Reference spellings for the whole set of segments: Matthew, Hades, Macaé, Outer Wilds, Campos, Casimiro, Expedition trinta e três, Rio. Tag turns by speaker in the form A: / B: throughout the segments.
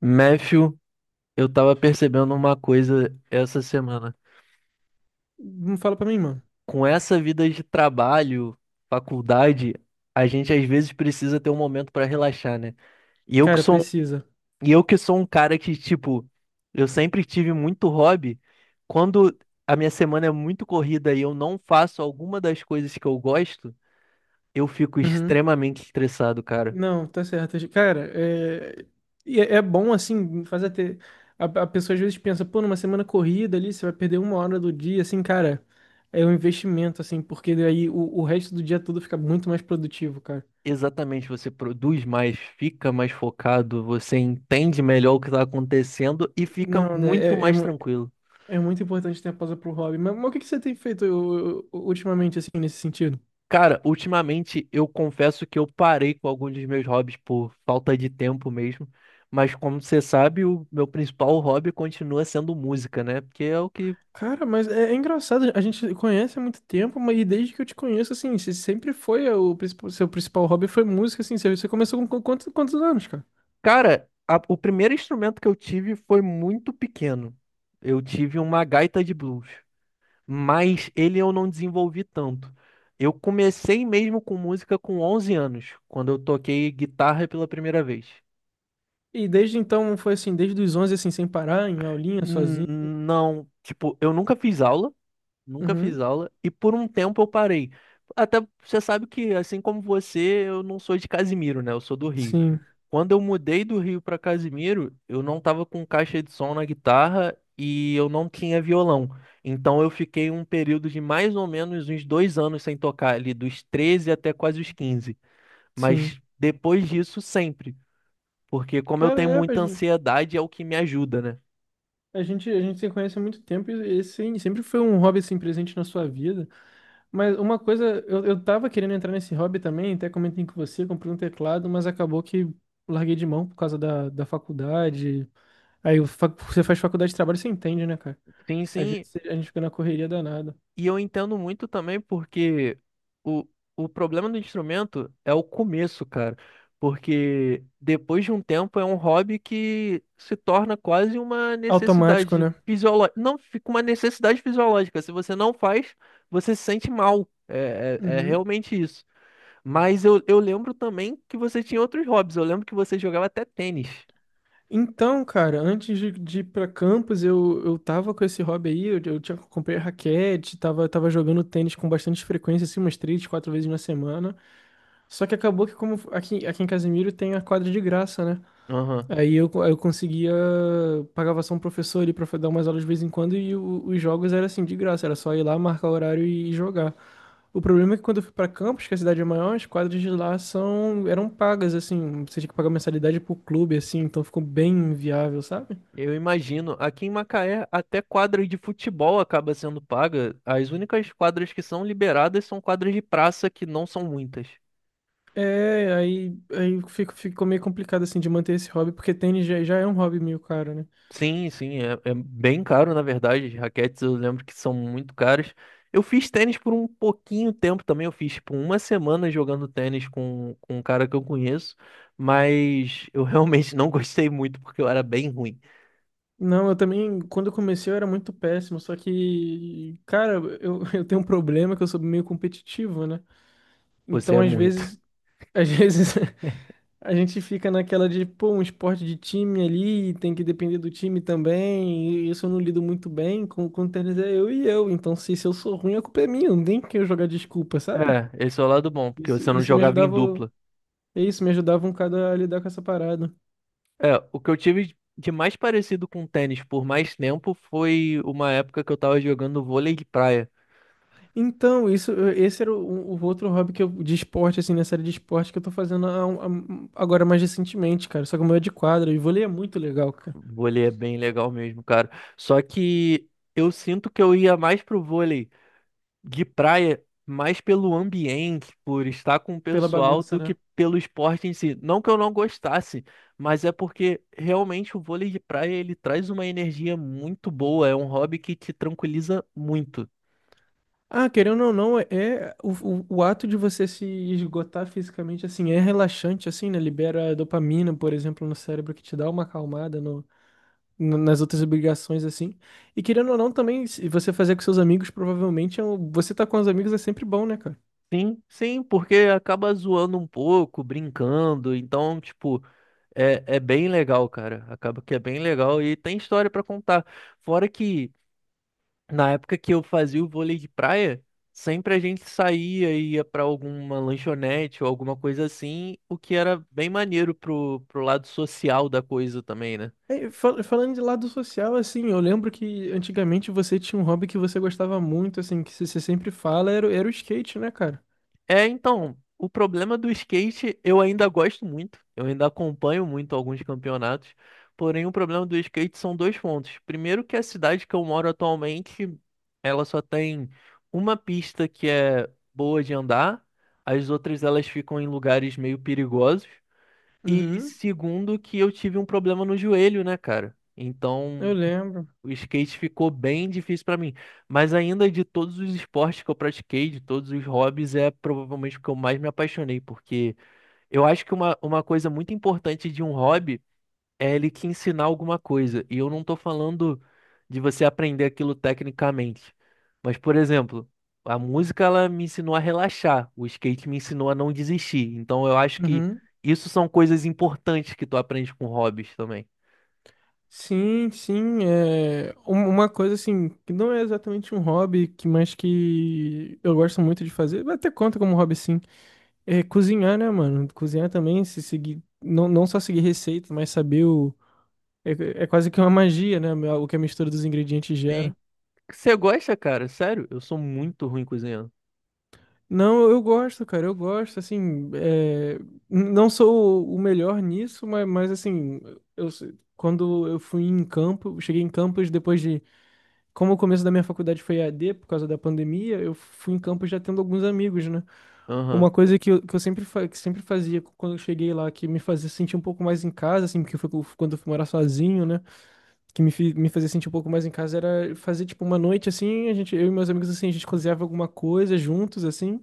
A: Matthew, eu tava percebendo uma coisa essa semana.
B: Não fala pra mim, mano.
A: Com essa vida de trabalho, faculdade, a gente às vezes precisa ter um momento pra relaxar, né? E eu que
B: Cara,
A: sou, um,
B: precisa.
A: e eu que sou um cara que, tipo, eu sempre tive muito hobby. Quando a minha semana é muito corrida e eu não faço alguma das coisas que eu gosto, eu fico
B: Uhum.
A: extremamente estressado, cara.
B: Não, tá certo. Cara, é bom assim, fazer ter. A pessoa às vezes pensa, pô, numa semana corrida ali, você vai perder uma hora do dia, assim, cara, é um investimento, assim, porque daí o resto do dia todo fica muito mais produtivo, cara.
A: Exatamente, você produz mais, fica mais focado, você entende melhor o que está acontecendo e fica
B: Não, né?
A: muito
B: É, é,
A: mais
B: mu-
A: tranquilo.
B: é muito importante ter a pausa pro hobby. Mas o que que você tem feito ultimamente, assim, nesse sentido?
A: Cara, ultimamente eu confesso que eu parei com alguns dos meus hobbies por falta de tempo mesmo, mas como você sabe, o meu principal hobby continua sendo música, né? Porque é o que.
B: Cara, mas é, é engraçado, a gente conhece há muito tempo, mas e desde que eu te conheço, assim, você sempre foi o principal, seu principal hobby foi música, assim, você começou com quantos anos, cara?
A: Cara, o primeiro instrumento que eu tive foi muito pequeno. Eu tive uma gaita de blues, mas ele eu não desenvolvi tanto. Eu comecei mesmo com música com 11 anos, quando eu toquei guitarra pela primeira vez.
B: E desde então foi assim, desde os 11 assim, sem parar, em aulinha, sozinho.
A: N- Não, tipo, eu nunca fiz aula,
B: Uhum.
A: e por um tempo eu parei. Até você sabe que, assim como você, eu não sou de Casimiro, né? Eu sou do Rio.
B: Sim,
A: Quando eu mudei do Rio para Casimiro, eu não tava com caixa de som na guitarra e eu não tinha violão. Então eu fiquei um período de mais ou menos uns 2 anos sem tocar, ali dos 13 até quase os 15.
B: sim.
A: Mas depois disso, sempre. Porque como eu
B: Cara,
A: tenho
B: é, a
A: muita
B: gente,
A: ansiedade, é o que me ajuda, né?
B: a gente a gente se conhece há muito tempo e esse sempre foi um hobby, assim, presente na sua vida. Mas uma coisa, eu tava querendo entrar nesse hobby também, até comentei com você, comprei um teclado, mas acabou que larguei de mão por causa da faculdade. Aí o você faz faculdade de trabalho, você entende, né, cara?
A: Sim,
B: Às
A: sim.
B: vezes a gente fica na correria danada.
A: E eu entendo muito também porque o, o problema do instrumento é o começo, cara. Porque depois de um tempo é um hobby que se torna quase uma
B: Automático,
A: necessidade
B: né?
A: fisiológica. Não, fica uma necessidade fisiológica. Se você não faz, você se sente mal. É
B: Uhum.
A: realmente isso. Mas eu lembro também que você tinha outros hobbies. Eu lembro que você jogava até tênis.
B: Então, cara, antes de ir pra campus, eu tava com esse hobby aí, eu tinha, comprei raquete, tava jogando tênis com bastante frequência, assim, umas três, quatro vezes na semana. Só que acabou que como aqui, aqui em Casimiro tem a quadra de graça, né?
A: Aham.
B: Aí eu conseguia, pagava só um professor ali pra dar umas aulas de vez em quando e os jogos era assim, de graça, era só ir lá, marcar o horário e jogar. O problema é que quando eu fui pra Campos, que a cidade é maior, as quadras de lá são, eram pagas, assim, você tinha que pagar mensalidade pro clube, assim, então ficou bem inviável, sabe?
A: Eu imagino, aqui em Macaé, até quadra de futebol acaba sendo paga. As únicas quadras que são liberadas são quadras de praça, que não são muitas.
B: É, ficou meio complicado, assim, de manter esse hobby, porque tênis já é um hobby meio caro, né?
A: Sim, sim, é, é bem caro, na verdade. As raquetes eu lembro que são muito caras. Eu fiz tênis por um pouquinho tempo também. Eu fiz, tipo, uma semana jogando tênis com, um cara que eu conheço, mas eu realmente não gostei muito porque eu era bem ruim.
B: Não, eu também, quando eu comecei eu era muito péssimo, só que, cara, eu, eu tenho um problema que eu sou meio competitivo, né?
A: Você
B: Então,
A: é
B: às
A: muito.
B: vezes, às vezes a gente fica naquela de, pô, um esporte de time ali, tem que depender do time também. E isso eu não lido muito bem. Com o tênis é eu e eu. Então, se eu sou ruim, a culpa é minha. Não tem que eu jogar desculpa, sabe?
A: É, esse é o lado bom, porque
B: Isso,
A: você não
B: isso me
A: jogava em
B: ajudava.
A: dupla.
B: É isso, me ajudava um bocado a lidar com essa parada.
A: É, o que eu tive de mais parecido com tênis por mais tempo foi uma época que eu tava jogando vôlei de praia.
B: Então, isso, esse era o outro hobby que eu, de esporte, assim, na série de esporte que eu tô fazendo agora mais recentemente, cara. Só que o meu é de quadra e vôlei é muito legal, cara.
A: Vôlei é bem legal mesmo, cara. Só que eu sinto que eu ia mais pro vôlei de praia, mais pelo ambiente, por estar com o
B: Pela
A: pessoal,
B: bagunça,
A: do
B: né?
A: que pelo esporte em si. Não que eu não gostasse, mas é porque realmente o vôlei de praia ele traz uma energia muito boa, é um hobby que te tranquiliza muito.
B: Ah, querendo ou não, é o ato de você se esgotar fisicamente, assim, é relaxante, assim, né? Libera dopamina, por exemplo, no cérebro, que te dá uma acalmada nas outras obrigações, assim. E querendo ou não, também, se você fazer com seus amigos, provavelmente, você tá com os amigos é sempre bom, né, cara?
A: Sim, sim, porque acaba zoando um pouco, brincando, então, tipo, é, é bem legal, cara. Acaba que é bem legal e tem história pra contar. Fora que, na época que eu fazia o vôlei de praia, sempre a gente saía e ia pra alguma lanchonete ou alguma coisa assim, o que era bem maneiro pro lado social da coisa também, né?
B: É, falando de lado social, assim, eu lembro que antigamente você tinha um hobby que você gostava muito, assim, que você sempre fala, era, era o skate, né, cara?
A: É, então, o problema do skate eu ainda gosto muito, eu ainda acompanho muito alguns campeonatos, porém o problema do skate são dois pontos. Primeiro que a cidade que eu moro atualmente, ela só tem uma pista que é boa de andar, as outras elas ficam em lugares meio perigosos. E
B: Uhum,
A: segundo que eu tive um problema no joelho, né, cara?
B: eu
A: Então,
B: lembro.
A: o skate ficou bem difícil pra mim, mas ainda de todos os esportes que eu pratiquei, de todos os hobbies, é provavelmente o que eu mais me apaixonei, porque eu acho que uma coisa muito importante de um hobby é ele te ensinar alguma coisa. E eu não tô falando de você aprender aquilo tecnicamente, mas, por exemplo, a música ela me ensinou a relaxar, o skate me ensinou a não desistir. Então eu acho que
B: Uhum.
A: isso são coisas importantes que tu aprende com hobbies também.
B: Sim, sim, uma coisa assim, que não é exatamente um hobby, que mas que eu gosto muito de fazer, até conta como hobby sim, é cozinhar, né, mano? Cozinhar também, se seguir, não só seguir receita, mas saber o... É, é quase que uma magia, né, o que a mistura dos ingredientes gera.
A: Você gosta, cara? Sério? Eu sou muito ruim cozinhando.
B: Não, eu gosto, cara, eu gosto, assim, não sou o melhor nisso, mas, assim, eu, quando eu fui em campo, cheguei em campos depois de como o começo da minha faculdade foi EAD por causa da pandemia, eu fui em campus já tendo alguns amigos, né?
A: Aham.
B: Uma coisa que sempre fazia quando eu cheguei lá, que me fazia sentir um pouco mais em casa, assim, porque foi quando eu fui morar sozinho, né? Que me fazia sentir um pouco mais em casa era fazer, tipo, uma noite, assim, a gente, eu e meus amigos, assim, a gente cozinhava alguma coisa juntos, assim,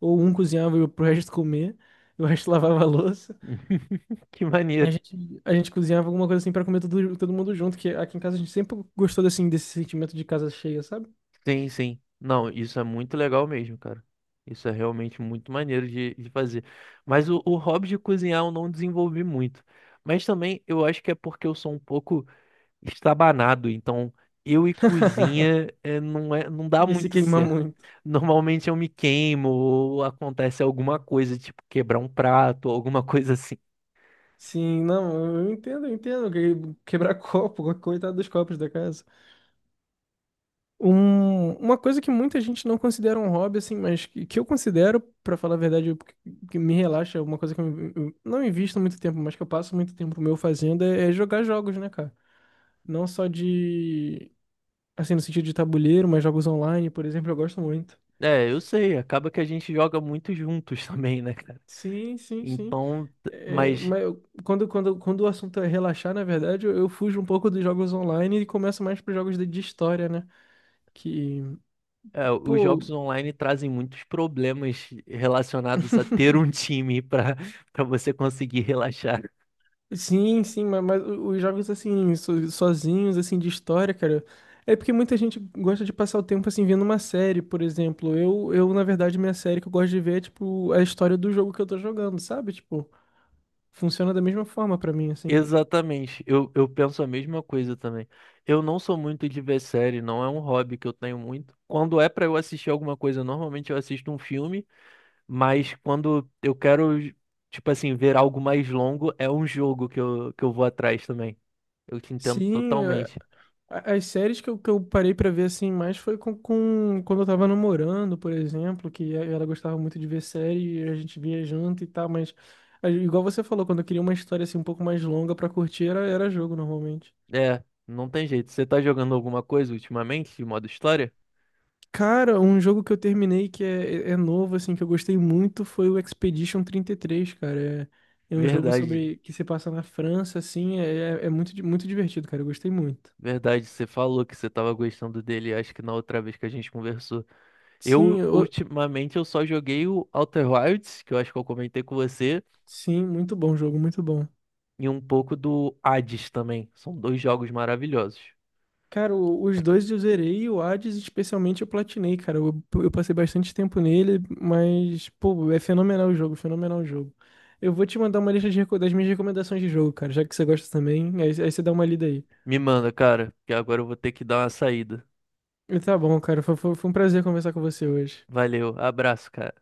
B: ou um cozinhava e pro resto comer, e o resto lavava a louça.
A: Que maneiro.
B: A gente cozinhava alguma coisa, assim, pra comer todo mundo junto, que aqui em casa a gente sempre gostou, assim, desse sentimento de casa cheia, sabe?
A: Sim, sim. Não, isso é muito legal mesmo, cara. Isso é realmente muito maneiro de fazer. Mas o hobby de cozinhar eu não desenvolvi muito. Mas também eu acho que é porque eu sou um pouco estabanado. Então, eu e cozinha não dá
B: Ia se
A: muito
B: queimar
A: certo.
B: muito.
A: Normalmente eu me queimo ou acontece alguma coisa, tipo quebrar um prato ou alguma coisa assim.
B: Sim, não, eu entendo, eu entendo. Quebrar copo, coitado dos copos da casa. Uma coisa que muita gente não considera um hobby, assim, mas que eu considero, pra falar a verdade, o que que me relaxa, uma coisa que eu não invisto muito tempo, mas que eu passo muito tempo meu fazendo é jogar jogos, né, cara? Não só de, assim, no sentido de tabuleiro, mas jogos online, por exemplo, eu gosto muito.
A: É, eu sei, acaba que a gente joga muito juntos também, né, cara?
B: Sim, sim, sim.
A: Então,
B: É,
A: mas
B: mas quando o assunto é relaxar, na verdade, eu fujo um pouco dos jogos online e começo mais para jogos de história, né? Que,
A: é, os
B: pô,
A: jogos online trazem muitos problemas relacionados a ter um time para você conseguir relaxar.
B: sim, sim, mas, os jogos assim, sozinhos, assim, de história, cara. É porque muita gente gosta de passar o tempo assim vendo uma série, por exemplo. Eu, na verdade, minha série que eu gosto de ver é tipo a história do jogo que eu tô jogando, sabe? Tipo, funciona da mesma forma pra mim, assim.
A: Exatamente, eu penso a mesma coisa também. Eu não sou muito de ver série, não é um hobby que eu tenho muito. Quando é para eu assistir alguma coisa, normalmente eu assisto um filme. Mas quando eu quero, tipo assim, ver algo mais longo, é um jogo que eu vou atrás também. Eu te entendo
B: Sim.
A: totalmente.
B: As séries que eu parei pra ver assim mais foi quando eu tava namorando, por exemplo, ela gostava muito de ver série e a gente via junto e tal, mas igual você falou, quando eu queria uma história assim um pouco mais longa pra curtir, era jogo normalmente.
A: É, não tem jeito. Você tá jogando alguma coisa ultimamente, de modo história?
B: Cara, um jogo que eu terminei que é novo, assim, que eu gostei muito foi o Expedition 33 cara. É, é um jogo
A: Verdade,
B: sobre que se passa na França, assim, é muito divertido, cara. Eu gostei muito.
A: verdade. Você falou que você tava gostando dele, acho que na outra vez que a gente conversou.
B: Sim,
A: Eu, ultimamente, eu só joguei o Outer Wilds, que eu acho que eu comentei com você,
B: sim, muito bom jogo, muito bom.
A: e um pouco do Hades também. São dois jogos maravilhosos.
B: Cara, os dois eu zerei e o Hades especialmente eu platinei, cara. Eu passei bastante tempo nele, mas, pô, é fenomenal o jogo, fenomenal o jogo. Eu vou te mandar uma lista de, das minhas recomendações de jogo, cara, já que você gosta também, aí você dá uma lida aí.
A: Me manda, cara, que agora eu vou ter que dar uma saída.
B: E tá bom, cara, foi um prazer conversar com você hoje.
A: Valeu, abraço, cara.